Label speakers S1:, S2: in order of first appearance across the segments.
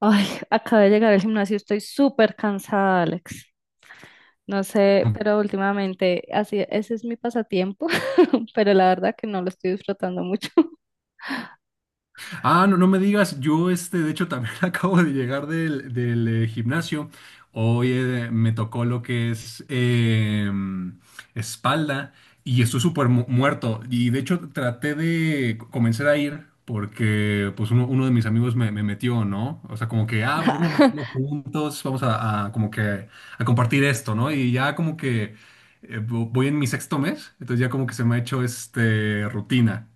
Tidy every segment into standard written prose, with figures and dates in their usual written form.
S1: Ay, acabo de llegar al gimnasio, estoy súper cansada, Alex. No sé, pero últimamente, así, ese es mi pasatiempo, pero la verdad que no lo estoy disfrutando mucho.
S2: Ah, no, no me digas, yo de hecho también acabo de llegar del gimnasio. Hoy me tocó lo que es espalda y estoy súper muerto. Y de hecho traté de comenzar a ir porque pues uno de mis amigos me metió, ¿no? O sea, como que, ah, pues vamos a hacerlo juntos, vamos a como que a compartir esto, ¿no? Y ya como que voy en mi sexto mes, entonces ya como que se me ha hecho este rutina.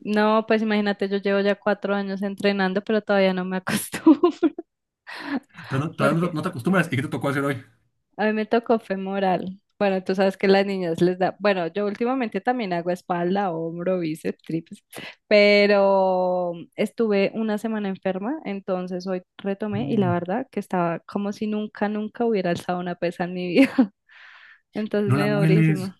S1: No, pues imagínate, yo llevo ya 4 años entrenando, pero todavía no me acostumbro.
S2: Pero todavía
S1: porque
S2: no te acostumbras. ¿Y qué te tocó hacer hoy?
S1: A mí me tocó femoral. Bueno, tú sabes que las niñas les da, bueno, yo últimamente también hago espalda, hombro, bíceps, tríceps, pero estuve una semana enferma, entonces hoy retomé y la
S2: No.
S1: verdad que estaba como si nunca, nunca hubiera alzado una pesa en mi vida. Entonces
S2: No
S1: me
S2: la
S1: dio
S2: mueles.
S1: durísimo,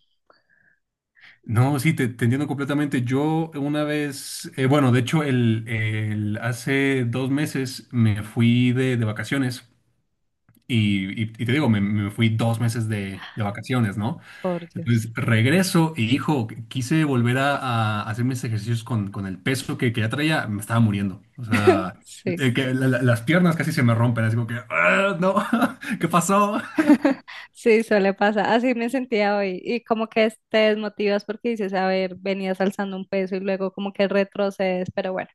S2: No, sí, te entiendo completamente. Yo una vez, bueno, de hecho, hace 2 meses me fui de vacaciones y te digo, me fui 2 meses de vacaciones, ¿no?
S1: por
S2: Entonces
S1: Dios.
S2: regreso y, hijo, quise volver a hacer mis ejercicios con el peso que ya traía, me estaba muriendo. O sea,
S1: Sí,
S2: las piernas casi se me rompen, así como que, "Ah, no, ¿qué pasó?".
S1: sí, suele pasar. Así me sentía hoy y como que te desmotivas porque dices, a ver, venías alzando un peso y luego como que retrocedes, pero bueno.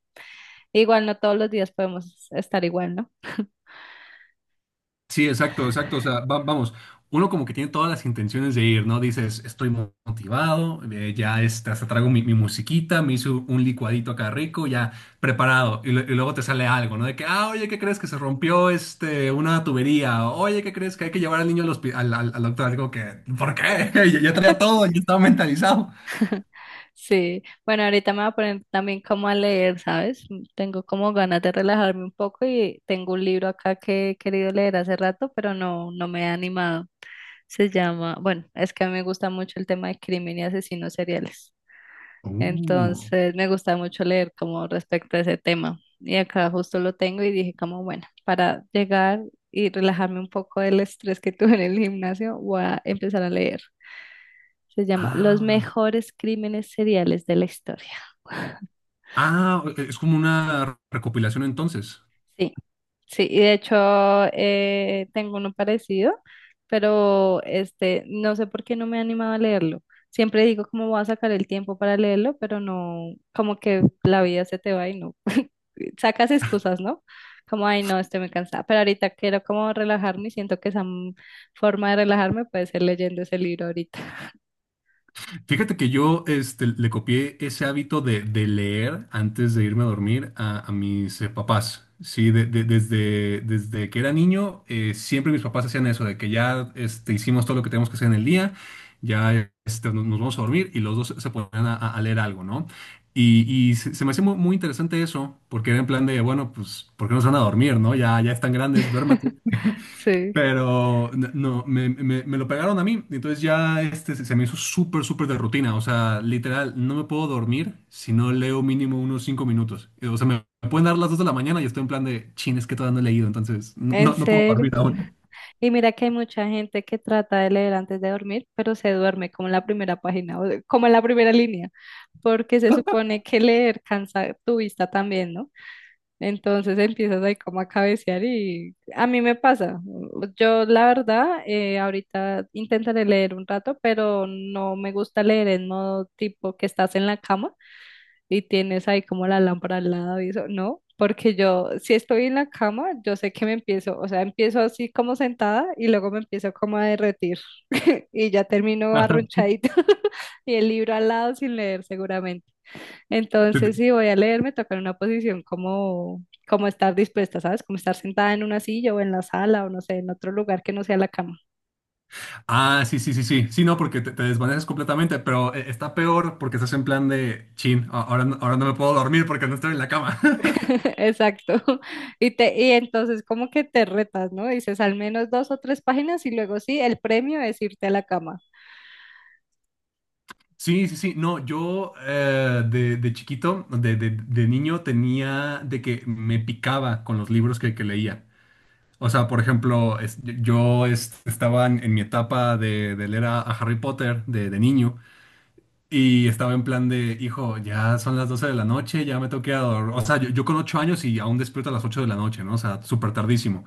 S1: Igual no todos los días podemos estar igual, ¿no?
S2: Sí, exacto, exacto. O sea, vamos, uno como que tiene todas las intenciones de ir, ¿no? Dices, estoy motivado, hasta traigo mi musiquita, me hizo un licuadito acá rico, ya preparado. Y, y luego te sale algo, ¿no? De que, ah, oye, ¿qué crees que se rompió este, una tubería? Oye, ¿qué crees que hay que llevar al niño al, al doctor? Digo que, ¿por
S1: Sí.
S2: qué? Yo traía todo, yo estaba mentalizado.
S1: Sí, bueno, ahorita me voy a poner también como a leer, ¿sabes? Tengo como ganas de relajarme un poco y tengo un libro acá que he querido leer hace rato, pero no, no me he animado. Se llama, bueno, es que a mí me gusta mucho el tema de crimen y asesinos seriales.
S2: Uh,
S1: Entonces me gusta mucho leer como respecto a ese tema. Y acá justo lo tengo y dije como, bueno, para llegar y relajarme un poco del estrés que tuve en el gimnasio, voy a empezar a leer. Se llama Los
S2: ah,
S1: mejores crímenes seriales de la historia.
S2: ah, es como una recopilación entonces.
S1: Sí, sí, y de hecho tengo uno parecido, pero este, no sé por qué no me he animado a leerlo. Siempre digo cómo voy a sacar el tiempo para leerlo, pero no, como que la vida se te va y no. Sacas excusas, ¿no? Como, ay, no, estoy muy cansada. Pero ahorita quiero como relajarme y siento que forma de relajarme puede ser leyendo ese libro ahorita.
S2: Fíjate que yo le copié ese hábito de leer antes de irme a dormir a mis papás. Sí, desde, desde que era niño, siempre mis papás hacían eso, de que ya hicimos todo lo que teníamos que hacer en el día, ya nos vamos a dormir y los dos se ponían a leer algo, ¿no? Y, se me hacía muy, muy interesante eso, porque era en plan de, bueno, pues, ¿por qué no se van a dormir, no? Ya, ya están grandes, duerman,
S1: Sí,
S2: pero n- no, me- me lo pegaron a mí, entonces ya se me hizo súper, súper de rutina. O sea, literal, no me puedo dormir si no leo mínimo unos 5 minutos. O sea, me pueden dar las 2 de la mañana y estoy en plan de, chin, es que todavía no he leído, entonces
S1: en
S2: no puedo dormir
S1: serio.
S2: aún.
S1: Y mira que hay mucha gente que trata de leer antes de dormir, pero se duerme como en la primera página, o como en la primera línea, porque se supone que leer cansa tu vista también, ¿no? Entonces empiezas ahí como a cabecear y a mí me pasa. Yo la verdad, ahorita intentaré leer un rato, pero no me gusta leer en modo tipo que estás en la cama y tienes ahí como la lámpara al lado y eso, no. Porque yo, si estoy en la cama, yo sé que me empiezo, o sea, empiezo así como sentada y luego me empiezo como a derretir y ya termino
S2: Ajá.
S1: arrunchadita y el libro al lado sin leer seguramente.
S2: Te-
S1: Entonces,
S2: te-
S1: si voy a leer, me toca en una posición como, como estar dispuesta, ¿sabes? Como estar sentada en una silla o en la sala o no sé, en otro lugar que no sea la cama.
S2: Ah, sí, sí, sí, sí. Sí, no, porque te desvaneces completamente, pero está peor porque estás en plan de, chin, ahora, ahora no me puedo dormir porque no estoy en la cama.
S1: Exacto. Y, y entonces como que te retas, ¿no? Dices al menos dos o tres páginas y luego sí, el premio es irte a la cama.
S2: Sí, sí, sí. No, yo de chiquito, de niño, tenía de que me picaba con los libros que leía. O sea, por ejemplo, estaba en mi etapa de leer a Harry Potter de niño y estaba en plan de, hijo, ya son las 12 de la noche, ya me tengo que ir a dor-" O sea, yo con 8 años y aún despierto a las 8 de la noche, ¿no? O sea, súper tardísimo.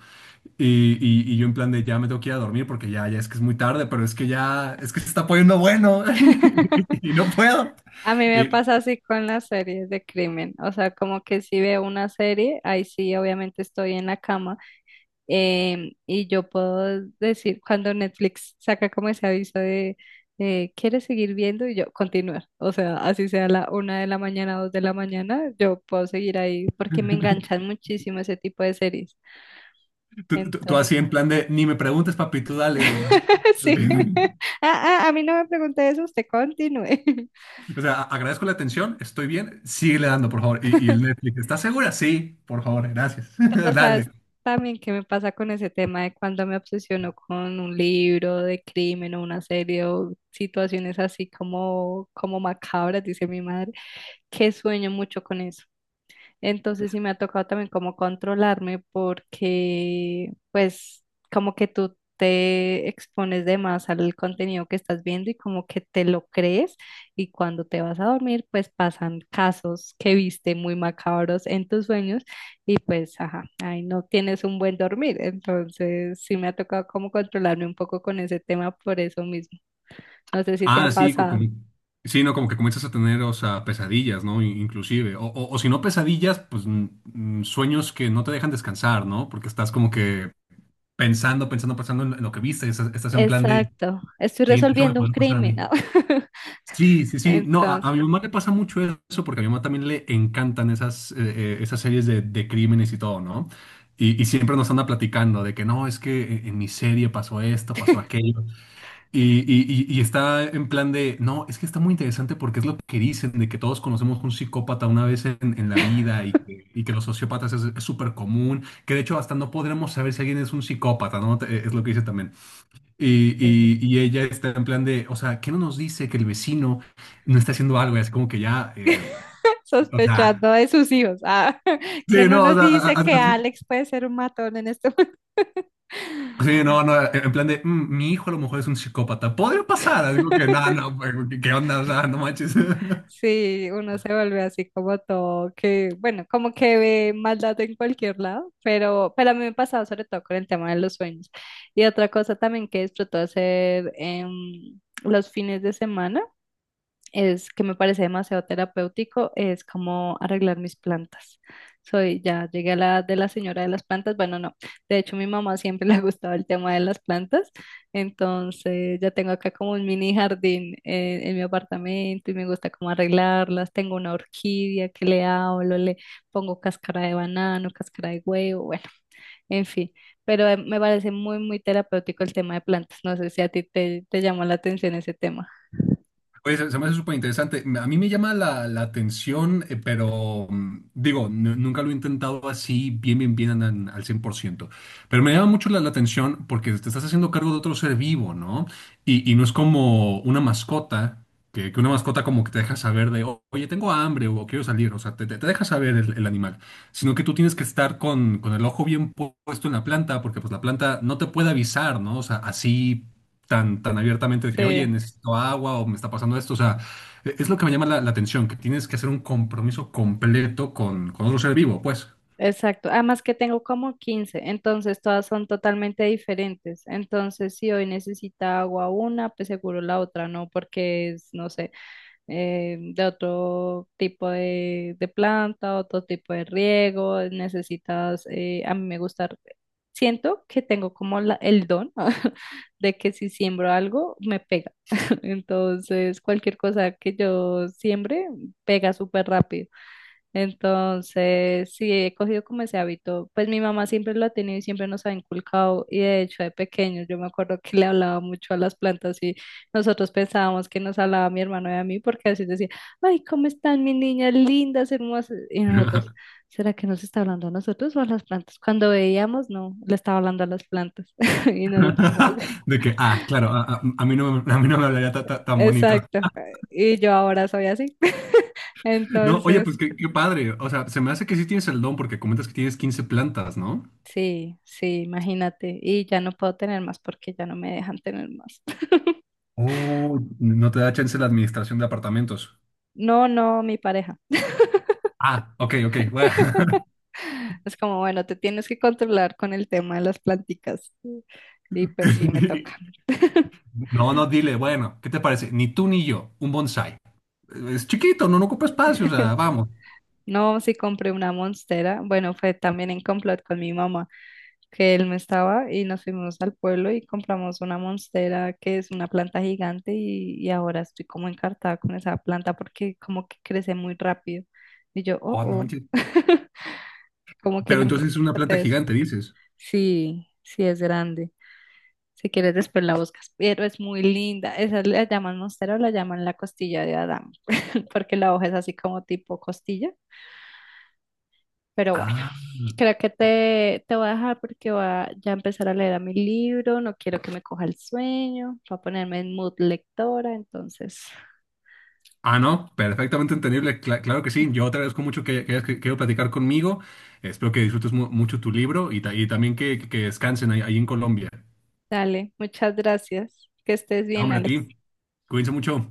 S2: Y, yo en plan de ya me tengo que ir a dormir porque ya, ya es que es muy tarde, pero es que ya, es que se está poniendo bueno y no puedo.
S1: A mí me
S2: Y
S1: pasa así con las series de crimen, o sea, como que si veo una serie, ahí sí, obviamente estoy en la cama. Y yo puedo decir, cuando Netflix saca como ese aviso de, ¿quieres seguir viendo? Y yo, continuar. O sea, así sea la una de la mañana, dos de la mañana, yo puedo seguir ahí porque me enganchan muchísimo ese tipo de series.
S2: tú, tú
S1: Entonces,
S2: así en plan de ni me preguntes, papi, tú dale, dale,
S1: sí.
S2: dale".
S1: A mí no me pregunte eso, usted continúe.
S2: O sea, agradezco la atención, estoy bien, síguele dando, por favor. Y el Netflix, ¿estás segura? Sí, por favor, gracias.
S1: Pero
S2: Dale.
S1: sabes también qué me pasa con ese tema de cuando me obsesiono con un libro de crimen o una serie o situaciones así como, como macabras, dice mi madre, que sueño mucho con eso. Entonces sí me ha tocado también como controlarme porque pues como que tú te expones de más al contenido que estás viendo y como que te lo crees y cuando te vas a dormir pues pasan casos que viste muy macabros en tus sueños y pues ajá, ahí no tienes un buen dormir. Entonces sí me ha tocado como controlarme un poco con ese tema por eso mismo. No sé si te
S2: Ah,
S1: ha
S2: sí, como,
S1: pasado.
S2: sí, no, como que comienzas a tener, o sea, pesadillas, ¿no? Inclusive. O, o si no pesadillas, pues sueños que no te dejan descansar, ¿no? Porque estás como que pensando, pensando, pensando en lo que viste. Estás, estás en plan de,
S1: Exacto, estoy
S2: sí, eso me
S1: resolviendo un
S2: puede pasar a
S1: crimen.
S2: mí.
S1: ¿No?
S2: Sí, sí, sí. No, a
S1: Entonces,
S2: mi mamá le pasa mucho eso porque a mi mamá también le encantan esas, esas series de crímenes y todo, ¿no? Y siempre nos anda platicando de que no, es que en mi serie pasó esto, pasó aquello. Y, y está en plan de, no, es que está muy interesante porque es lo que dicen, de que todos conocemos un psicópata una vez en la vida y que los sociópatas es súper común, que de hecho hasta no podremos saber si alguien es un psicópata, ¿no? Es lo que dice también. Y,
S1: sí.
S2: ella está en plan de, o sea, ¿qué no nos dice que el vecino no está haciendo algo? Y así como que ya, o sea,
S1: Sospechando de sus hijos. Ah, que
S2: sí,
S1: no
S2: no, o
S1: nos
S2: sea,
S1: dice que Alex puede ser un matón en este momento.
S2: sí, no, no, en plan de, "Mm, mi hijo a lo mejor es un psicópata, podría pasar, algo que no, no, pues, ¿qué onda?". O sea, no manches.
S1: Sí, uno se vuelve así como todo, que bueno, como que ve maldad en cualquier lado, pero a mí me ha pasado sobre todo con el tema de los sueños. Y otra cosa también que disfruto hacer en los fines de semana es que me parece demasiado terapéutico, es como arreglar mis plantas. Soy, ya llegué a la edad de la señora de las plantas, bueno, no, de hecho mi mamá siempre le ha gustado el tema de las plantas, entonces ya tengo acá como un mini jardín en mi apartamento y me gusta como arreglarlas, tengo una orquídea que le hablo, le pongo cáscara de banano, cáscara de huevo, bueno, en fin, pero me parece muy, muy terapéutico el tema de plantas, no sé si a ti te llamó la atención ese tema.
S2: Oye, se me hace súper interesante. A mí me llama la atención, pero mm, digo, nunca lo he intentado así bien, bien, bien al 100%. Pero me llama mucho la atención porque te estás haciendo cargo de otro ser vivo, ¿no? Y no es como una mascota, que una mascota como que te deja saber de, "O- oye, tengo hambre o quiero salir", o sea, te deja saber el animal. Sino que tú tienes que estar con el ojo bien puesto en la planta porque pues la planta no te puede avisar, ¿no? O sea, así tan, tan abiertamente de que, oye,
S1: Sí.
S2: necesito agua o me está pasando esto. O sea, es lo que me llama la atención, que tienes que hacer un compromiso completo con otro ser vivo, pues.
S1: Exacto, además que tengo como 15, entonces todas son totalmente diferentes. Entonces, si hoy necesita agua una, pues seguro la otra no, porque es, no sé, de otro tipo de planta, otro tipo de riego, necesitas, a mí me gusta, siento que tengo como el don de que si siembro algo, me pega. Entonces, cualquier cosa que yo siembre, pega súper rápido. Entonces, sí, he cogido como ese hábito. Pues mi mamá siempre lo ha tenido y siempre nos ha inculcado. Y de hecho, de pequeños, yo me acuerdo que le hablaba mucho a las plantas y nosotros pensábamos que nos hablaba a mi hermano y a mí, porque así decía, ay, ¿cómo están mis niñas lindas, hermosas? Y nosotros, ¿será que nos está hablando a nosotros o a las plantas? Cuando veíamos, no, le estaba hablando a las plantas. Y nosotros como que,
S2: De que, ah, claro, a mí no, a mí no me hablaría tan bonito.
S1: exacto. Y yo ahora soy así.
S2: No, oye,
S1: Entonces...
S2: pues qué, qué padre. O sea, se me hace que sí tienes el don porque comentas que tienes 15 plantas, ¿no?
S1: Sí, sí, imagínate. Y ya no puedo tener más porque ya no me dejan tener más.
S2: Oh, no te da chance la administración de apartamentos.
S1: No, no, mi pareja.
S2: Ah, ok, ok, bueno.
S1: Es como, bueno, te tienes que controlar con el tema de las planticas. Y pues sí, me toca.
S2: No, no, dile, bueno, ¿qué te parece? Ni tú ni yo, un bonsai. Es chiquito, no, no ocupa espacio, o sea, vamos.
S1: No, sí compré una monstera. Bueno, fue también en complot con mi mamá, que él no estaba y nos fuimos al pueblo y compramos una monstera que es una planta gigante y ahora estoy como encartada con esa planta porque como que crece muy rápido. Y yo, oh,
S2: Oh, no
S1: oh.
S2: manches.
S1: Como que
S2: Pero
S1: no me
S2: entonces es una
S1: percaté
S2: planta
S1: de eso.
S2: gigante, dices.
S1: Sí, sí es grande. Si quieres después la buscas, pero es muy linda. Esa la llaman monstera o la llaman la costilla de Adán, porque la hoja es así como tipo costilla. Pero bueno,
S2: Ah,
S1: creo que te voy a dejar porque voy a ya empezar a leer a mi libro. No quiero que me coja el sueño. Voy a ponerme en mood lectora. Entonces,
S2: ah, no, perfectamente entendible, claro que sí. Yo te agradezco mucho que hayas querido platicar conmigo. Espero que disfrutes mucho tu libro y, y también que descansen ahí, ahí en Colombia.
S1: dale, muchas gracias. Que estés
S2: No,
S1: bien,
S2: hombre, a
S1: Alex.
S2: ti. Cuídense mucho.